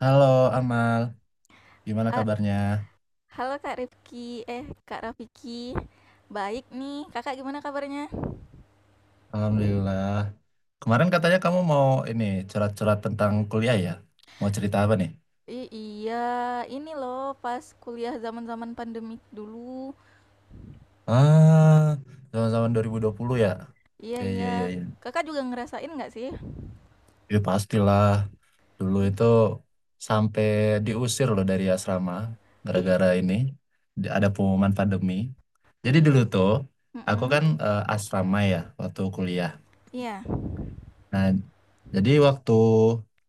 Halo Amal, gimana Ha- kabarnya? Halo Kak Rifki, eh Kak Rafiki, baik nih. Kakak gimana kabarnya? Alhamdulillah. Kemarin katanya kamu mau ini curhat-curhat tentang kuliah ya? Mau cerita apa nih? Iya, ini loh pas kuliah zaman-zaman pandemik dulu. Ah, zaman-zaman 2020 ya? Iya, Ya, ya, iya, ya, ya. Kakak juga ngerasain nggak sih? Ya pastilah. Dulu I- itu sampai diusir loh dari asrama Ih, gara-gara ini ada pengumuman pandemi. Jadi ih, dulu tuh aku mm-mm. kan asrama ya waktu kuliah. Iya, Nah, jadi waktu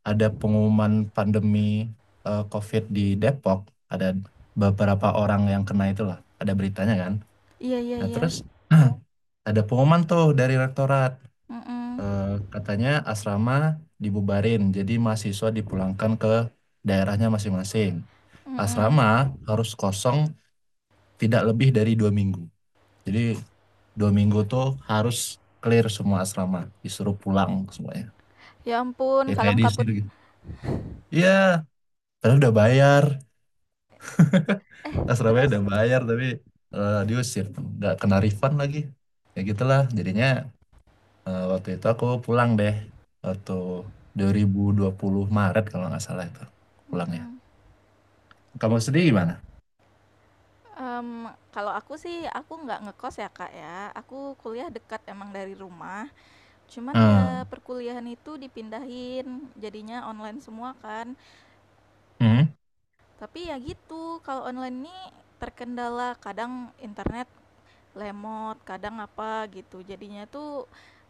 ada pengumuman pandemi COVID di Depok, ada beberapa orang yang kena itulah, ada beritanya kan. iya, iya, Nah, iya, terus ada pengumuman tuh dari rektorat, mm-mm, eh, katanya asrama dibubarin, jadi mahasiswa dipulangkan ke daerahnya masing-masing. mm-mm. Asrama harus kosong tidak lebih dari 2 minggu. Jadi 2 minggu tuh harus clear semua asrama, disuruh pulang semuanya. Ya ampun, Ya, kayak kalang kabut. diusir gitu. Iya, tapi udah bayar. Eh, Surabaya terus, udah bayar tapi diusir. Nggak kena refund lagi. Ya gitulah. Jadinya waktu itu aku pulang deh. Waktu 2020 Maret kalau nggak salah itu. Pulang ya. mm-mm. Kamu sendiri gimana? Em, Kalau aku sih, aku nggak ngekos ya Kak ya. Aku kuliah dekat emang dari rumah. Cuman ya Hmm. perkuliahan itu dipindahin, jadinya online semua kan. Hmm. Tapi ya gitu, kalau online ini terkendala kadang internet lemot, kadang apa gitu. Jadinya tuh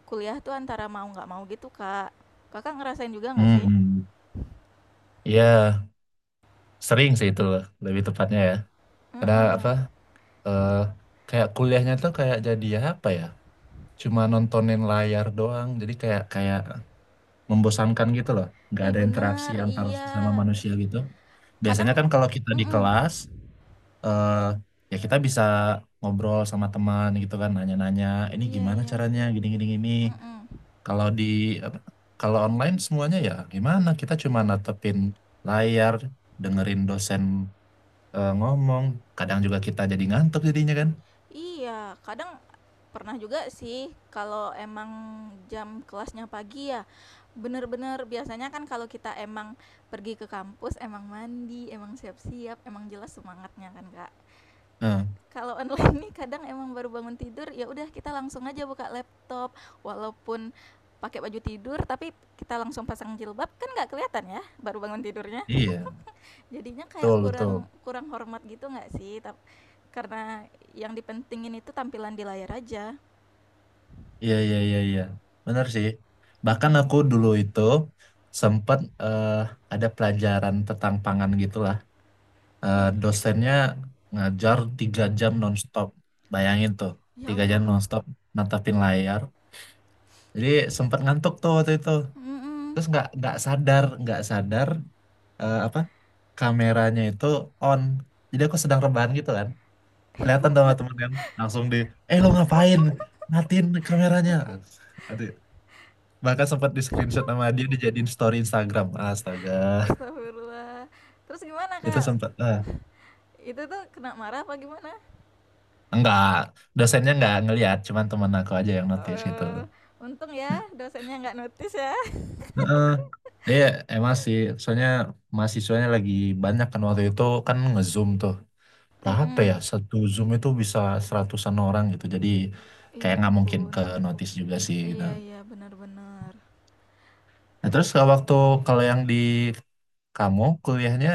kuliah tuh antara mau nggak mau gitu, Kak. Kakak ngerasain juga nggak sih? Hmm. Iya, sering sih itu loh, lebih tepatnya ya. Karena Heeh. apa? eh, kayak kuliahnya tuh kayak jadi apa ya? Cuma nontonin layar doang. Jadi kayak kayak membosankan gitu loh. Nggak Ih ada interaksi bener, antar iya. sesama manusia gitu. Kadang, Biasanya kan kalau kita di mm kelas, eh, ya kita bisa ngobrol sama teman gitu kan, nanya-nanya, ini iya, gimana iya, caranya, gini-gini gini. mm. Kalau di apa, kalau online semuanya ya gimana? Kita cuma natepin layar, dengerin dosen ngomong. Kadang juga kita jadi ngantuk jadinya kan. Iya, kadang pernah juga sih kalau emang jam kelasnya pagi ya, bener-bener biasanya kan kalau kita emang pergi ke kampus, emang mandi, emang siap-siap, emang jelas semangatnya kan, Kak. Nah, Kalau online nih kadang emang baru bangun tidur, ya udah kita langsung aja buka laptop walaupun pakai baju tidur, tapi kita langsung pasang jilbab kan nggak kelihatan ya baru bangun tidurnya. iya, Jadinya kayak betul kurang betul. kurang hormat gitu nggak sih? Karena yang dipentingin itu tampilan di layar aja. Iya, iya, iya, iya. Benar sih. Bahkan Mhm. aku dulu itu sempat ada pelajaran tentang pangan gitulah. Iya. Dosennya ngajar 3 jam nonstop. Bayangin tuh, Ya 3 jam Allah. nonstop natapin layar. Jadi sempat ngantuk tuh waktu itu. Mhm. Terus nggak sadar apa kameranya itu on. Jadi aku sedang rebahan gitu kan. Ya Kelihatan dong ampun. teman kan langsung eh, lo ngapain? Matiin kameranya. Bahkan sempat di screenshot sama dia dijadiin story Instagram. Astaga, Astagfirullah. Terus gimana, itu Kak? sempat. Ah. Itu tuh kena marah apa gimana? Enggak, dosennya enggak ngelihat, cuman teman aku aja yang notice gitu. Eee, Untung ya dosennya nggak notice ya. Heeh. Iya, emang sih, soalnya mahasiswanya lagi banyak kan waktu itu kan nge-zoom tuh. Berapa ya? Mhm. Satu zoom itu bisa 100-an orang gitu. Jadi Ya kayak nggak mungkin ampun. ke notice juga sih gitu. Iya, iya, benar, benar. Nah, terus kalau waktu kalau yang di kamu kuliahnya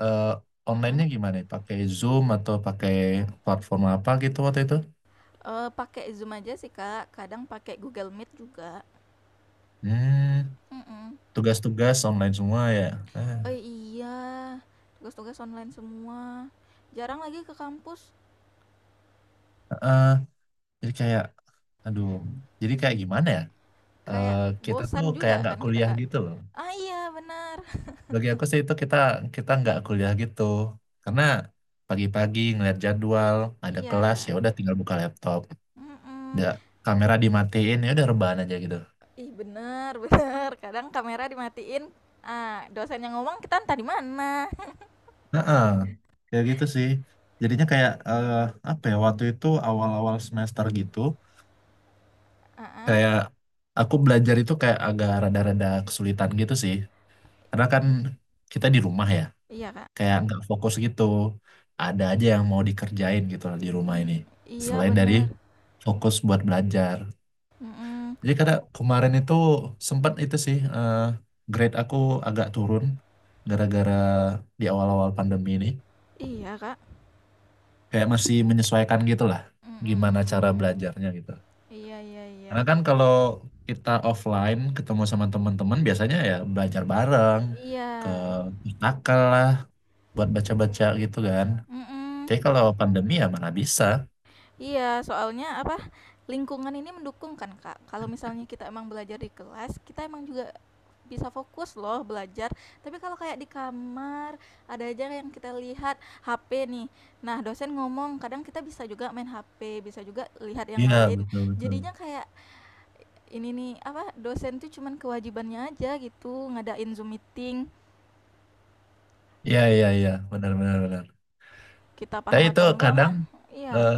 eh, Mhm. online-nya gimana? Pakai Zoom atau pakai platform apa gitu waktu itu? Pakai Zoom aja sih, Kak. Kadang pakai Google Meet juga. Hmm, Mhm. tugas-tugas online semua ya. Eh, Eh iya, tugas-tugas online semua. Jarang lagi ke kampus, eh, jadi kayak, aduh, jadi kayak gimana ya? Kayak Kita tuh bosan kayak juga nggak kan kita, kuliah Kak. gitu loh. Ah iya, benar. Bagi aku sih itu kita kita nggak kuliah gitu, karena pagi-pagi ngeliat jadwal, ada kelas Iya. ya udah tinggal buka laptop, Mm-mm. ya kamera dimatiin ya udah rebahan aja gitu. Ih, benar, benar. Kadang kamera dimatiin. Ah, dosen yang ngomong kita entah di mana. Heeh, kayak gitu sih. Jadinya kayak apa ya? Waktu itu awal-awal semester gitu, Ah, ah. kayak aku belajar itu kayak agak rada-rada kesulitan gitu sih. Karena kan kita di rumah ya, Iya, Kak. kayak nggak fokus gitu. Ada aja yang mau dikerjain gitu lah di rumah I- ini. iya, Selain dari benar. fokus buat belajar. Mm-mm. Jadi karena kemarin itu sempat itu sih grade aku agak turun gara-gara di awal-awal pandemi ini. Iya, Kak. Kayak masih menyesuaikan gitu lah Mm-mm, gimana cara belajarnya gitu. iya, iya, iya. Karena kan kalau kita offline ketemu sama teman-teman biasanya ya belajar bareng ke Iya. pustaka lah buat baca-baca gitu kan. Mm-mm. Tapi kalau pandemi ya mana bisa. Iya, soalnya apa, lingkungan ini mendukung kan, Kak. Kalau misalnya kita emang belajar di kelas, kita emang juga bisa fokus loh belajar. Tapi kalau kayak di kamar, ada aja yang kita lihat HP nih. Nah, dosen ngomong, kadang kita bisa juga main HP, bisa juga lihat yang Iya, lain. betul betul. Jadinya kayak ini nih, apa, dosen tuh cuman kewajibannya aja gitu, ngadain Zoom meeting. Iya Ki- iya iya, benar benar benar. Kita Tapi paham itu atau enggak kadang mah? Iya. eh,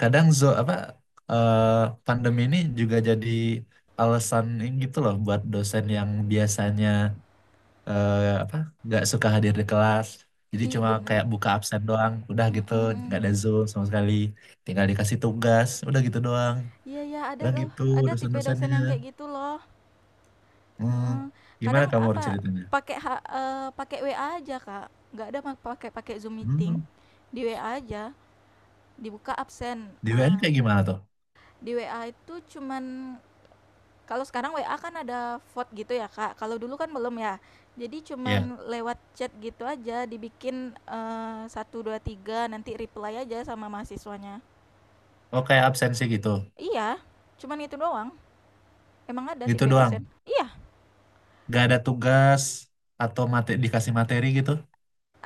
kadang apa, eh, pandemi ini juga jadi alasan ini gitu loh buat dosen yang biasanya eh, apa nggak suka hadir di kelas. Jadi Ih, cuma bener. kayak buka absen doang, udah gitu, nggak Mm-mm. ada Zoom sama sekali. Tinggal dikasih tugas, udah gitu doang. Iya ya ada Kadang loh, gitu ada tipe dosen dosen-dosennya. yang kayak gitu loh. Hmm, Mhm. gimana Kadang kamu apa, ceritanya? Pakai WA aja, Kak, nggak ada pakai pakai Zoom meeting, Hmm, di WA aja, dibuka absen, di WN kayak gimana tuh? di WA itu cuman kalau sekarang WA kan ada vote gitu ya, Kak, kalau dulu kan belum ya. Jadi Ya. cuman lewat chat gitu aja, dibikin, 1, 2, 3, nanti reply aja sama mahasiswanya. Oh kayak absensi gitu. Iya, cuman itu doang, emang ada Gitu tipe doang. dosen. Iya. Gak ada tugas atau dikasih materi gitu.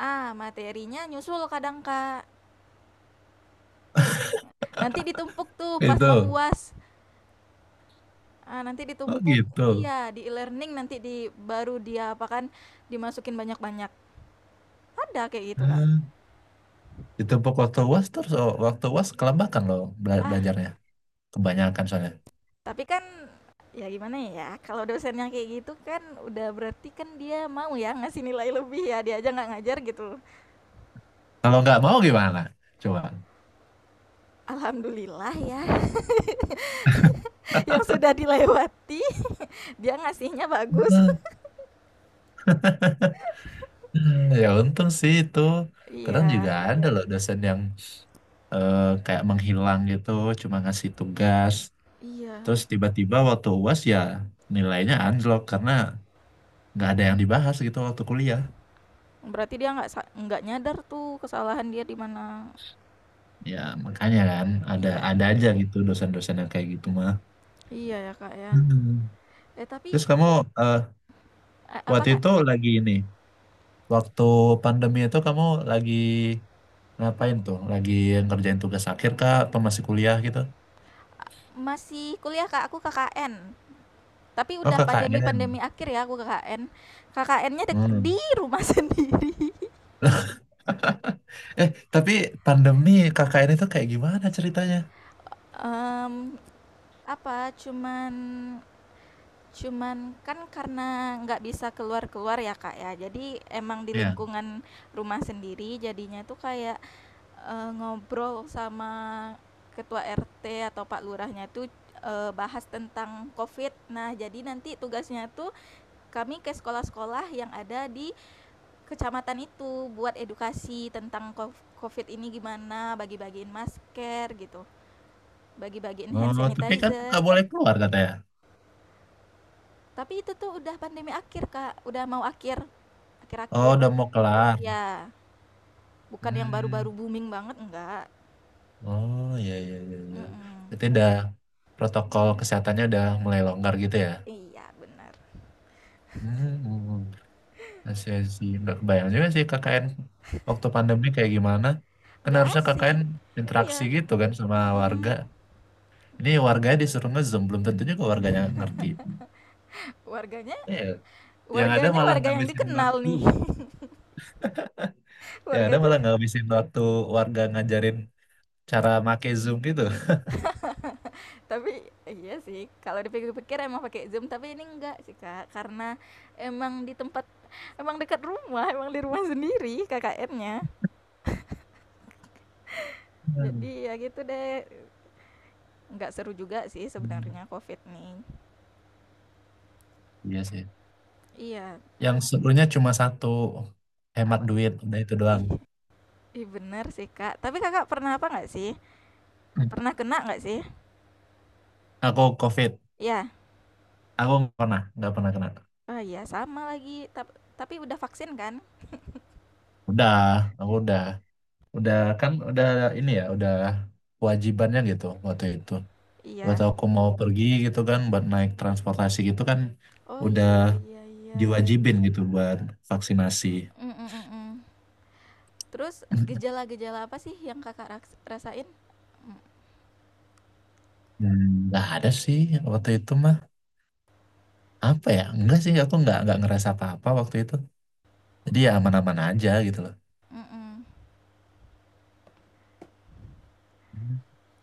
Ah, materinya nyusul kadang, Kak. Nanti ditumpuk tuh pas mau Gitu. UAS. Ah, nanti Oh ditumpuk. gitu. Iya, di e-learning nanti di baru dia apa kan dimasukin banyak-banyak. Ada kayak gitu, Kak. Hmm. Ditumpuk waktu UAS terus oh, waktu UAS kelembakan loh Ah, belajarnya. Kebanyakan soalnya. tapi kan ya gimana ya, kalau dosennya kayak gitu kan udah berarti kan dia mau ya ngasih nilai lebih ya, dia aja nggak ngajar gitu. Kalau nggak mau gimana? Coba. Alhamdulillah ya, yang sudah dilewati dia ngasihnya bagus. Ya untung sih itu. Kadang Iya. juga ada loh dosen yang eh, kayak menghilang gitu, cuma ngasih tugas. Iya. Terus tiba-tiba waktu UAS ya nilainya anjlok karena nggak ada yang dibahas gitu waktu kuliah. Berarti dia nggak nyadar tuh kesalahan dia di mana. Ya, makanya kan ada Iya, ada aja gitu dosen-dosen yang kayak gitu mah. iya ya, Kak, ya. Hmm. Eh, tapi, Terus kamu eh, apa, waktu Kak, itu lagi ini, waktu pandemi itu kamu lagi ngapain tuh? Lagi ngerjain tugas akhir kah atau masih kuliah gitu? masih kuliah, Kak, aku KKN, tapi Oh, udah pandemi-pandemi KKN. akhir ya aku KKN. KKN-nya di Hmm. rumah sendiri, Eh, tapi pandemi KKN itu kayak gimana ceritanya? mmm, apa, cuman cuman kan karena nggak bisa keluar-keluar ya, Kak, ya, jadi emang di Ya. lingkungan rumah sendiri jadinya tuh kayak, ngobrol sama ketua RT atau pak lurahnya tuh, bahas tentang COVID. Nah, jadi nanti tugasnya tuh kami ke sekolah-sekolah yang ada di kecamatan itu buat edukasi tentang COVID ini gimana, bagi-bagiin masker gitu, bagi-bagiin Oh, hand tapi kan sanitizer. nggak boleh keluar katanya. Tapi itu tuh udah pandemi akhir, Kak. Udah mau akhir. Oh, Akhir-akhir. udah mau kelar. Iya, bukan yang Hmm. baru-baru booming banget enggak. Oh iya iya iya iya. Mm-mm. Berarti udah protokol kesehatannya udah mulai longgar gitu ya. Iya, benar. Hmm, hmm, hmm. I see, I see. Nggak kebayang juga sih KKN waktu pandemi kayak gimana. Kan Enggak harusnya KKN asik. Iya. interaksi gitu kan sama warga. Mm-mm. Ini warganya disuruh nge-zoom, belum tentunya ke warganya ngerti. Warganya, Iya. Yang ada warganya malah warga yang ngabisin dikenal waktu. nih. Yang ada warganya. malah ngabisin waktu warga ngajarin cara make Zoom gitu. Tapi iya sih, kalau dipikir-pikir emang pakai Zoom, tapi ini enggak sih, Kak. Karena emang di tempat emang dekat rumah, emang di rumah sendiri KKN-nya. Hmm. Jadi ya gitu deh. Enggak seru juga sih sebenarnya COVID nih. Iya sih. Iya, Yang serunya cuma satu, hemat apa duit, udah itu doang. ih, ih bener sih, Kak. Tapi Kakak pernah apa nggak sih? Pernah kena nggak sih? Aku COVID. Iya. Aku nggak pernah kena. Oh iya, sama lagi. Tapi udah vaksin kan? Udah, aku udah kan udah ini ya, udah kewajibannya gitu waktu itu. Iya. Waktu aku mau pergi gitu kan, buat naik transportasi gitu kan, Oh udah iya, iya, iya. diwajibin gitu buat vaksinasi. Mm, mm, mm, mm. Terus gejala-gejala apa sih yang Kakak rasain? Hmm, nggak ada sih waktu itu mah. Apa ya? Enggak sih, aku nggak ngerasa apa-apa waktu itu. Jadi ya aman-aman aja gitu loh. Mhm. Hmm.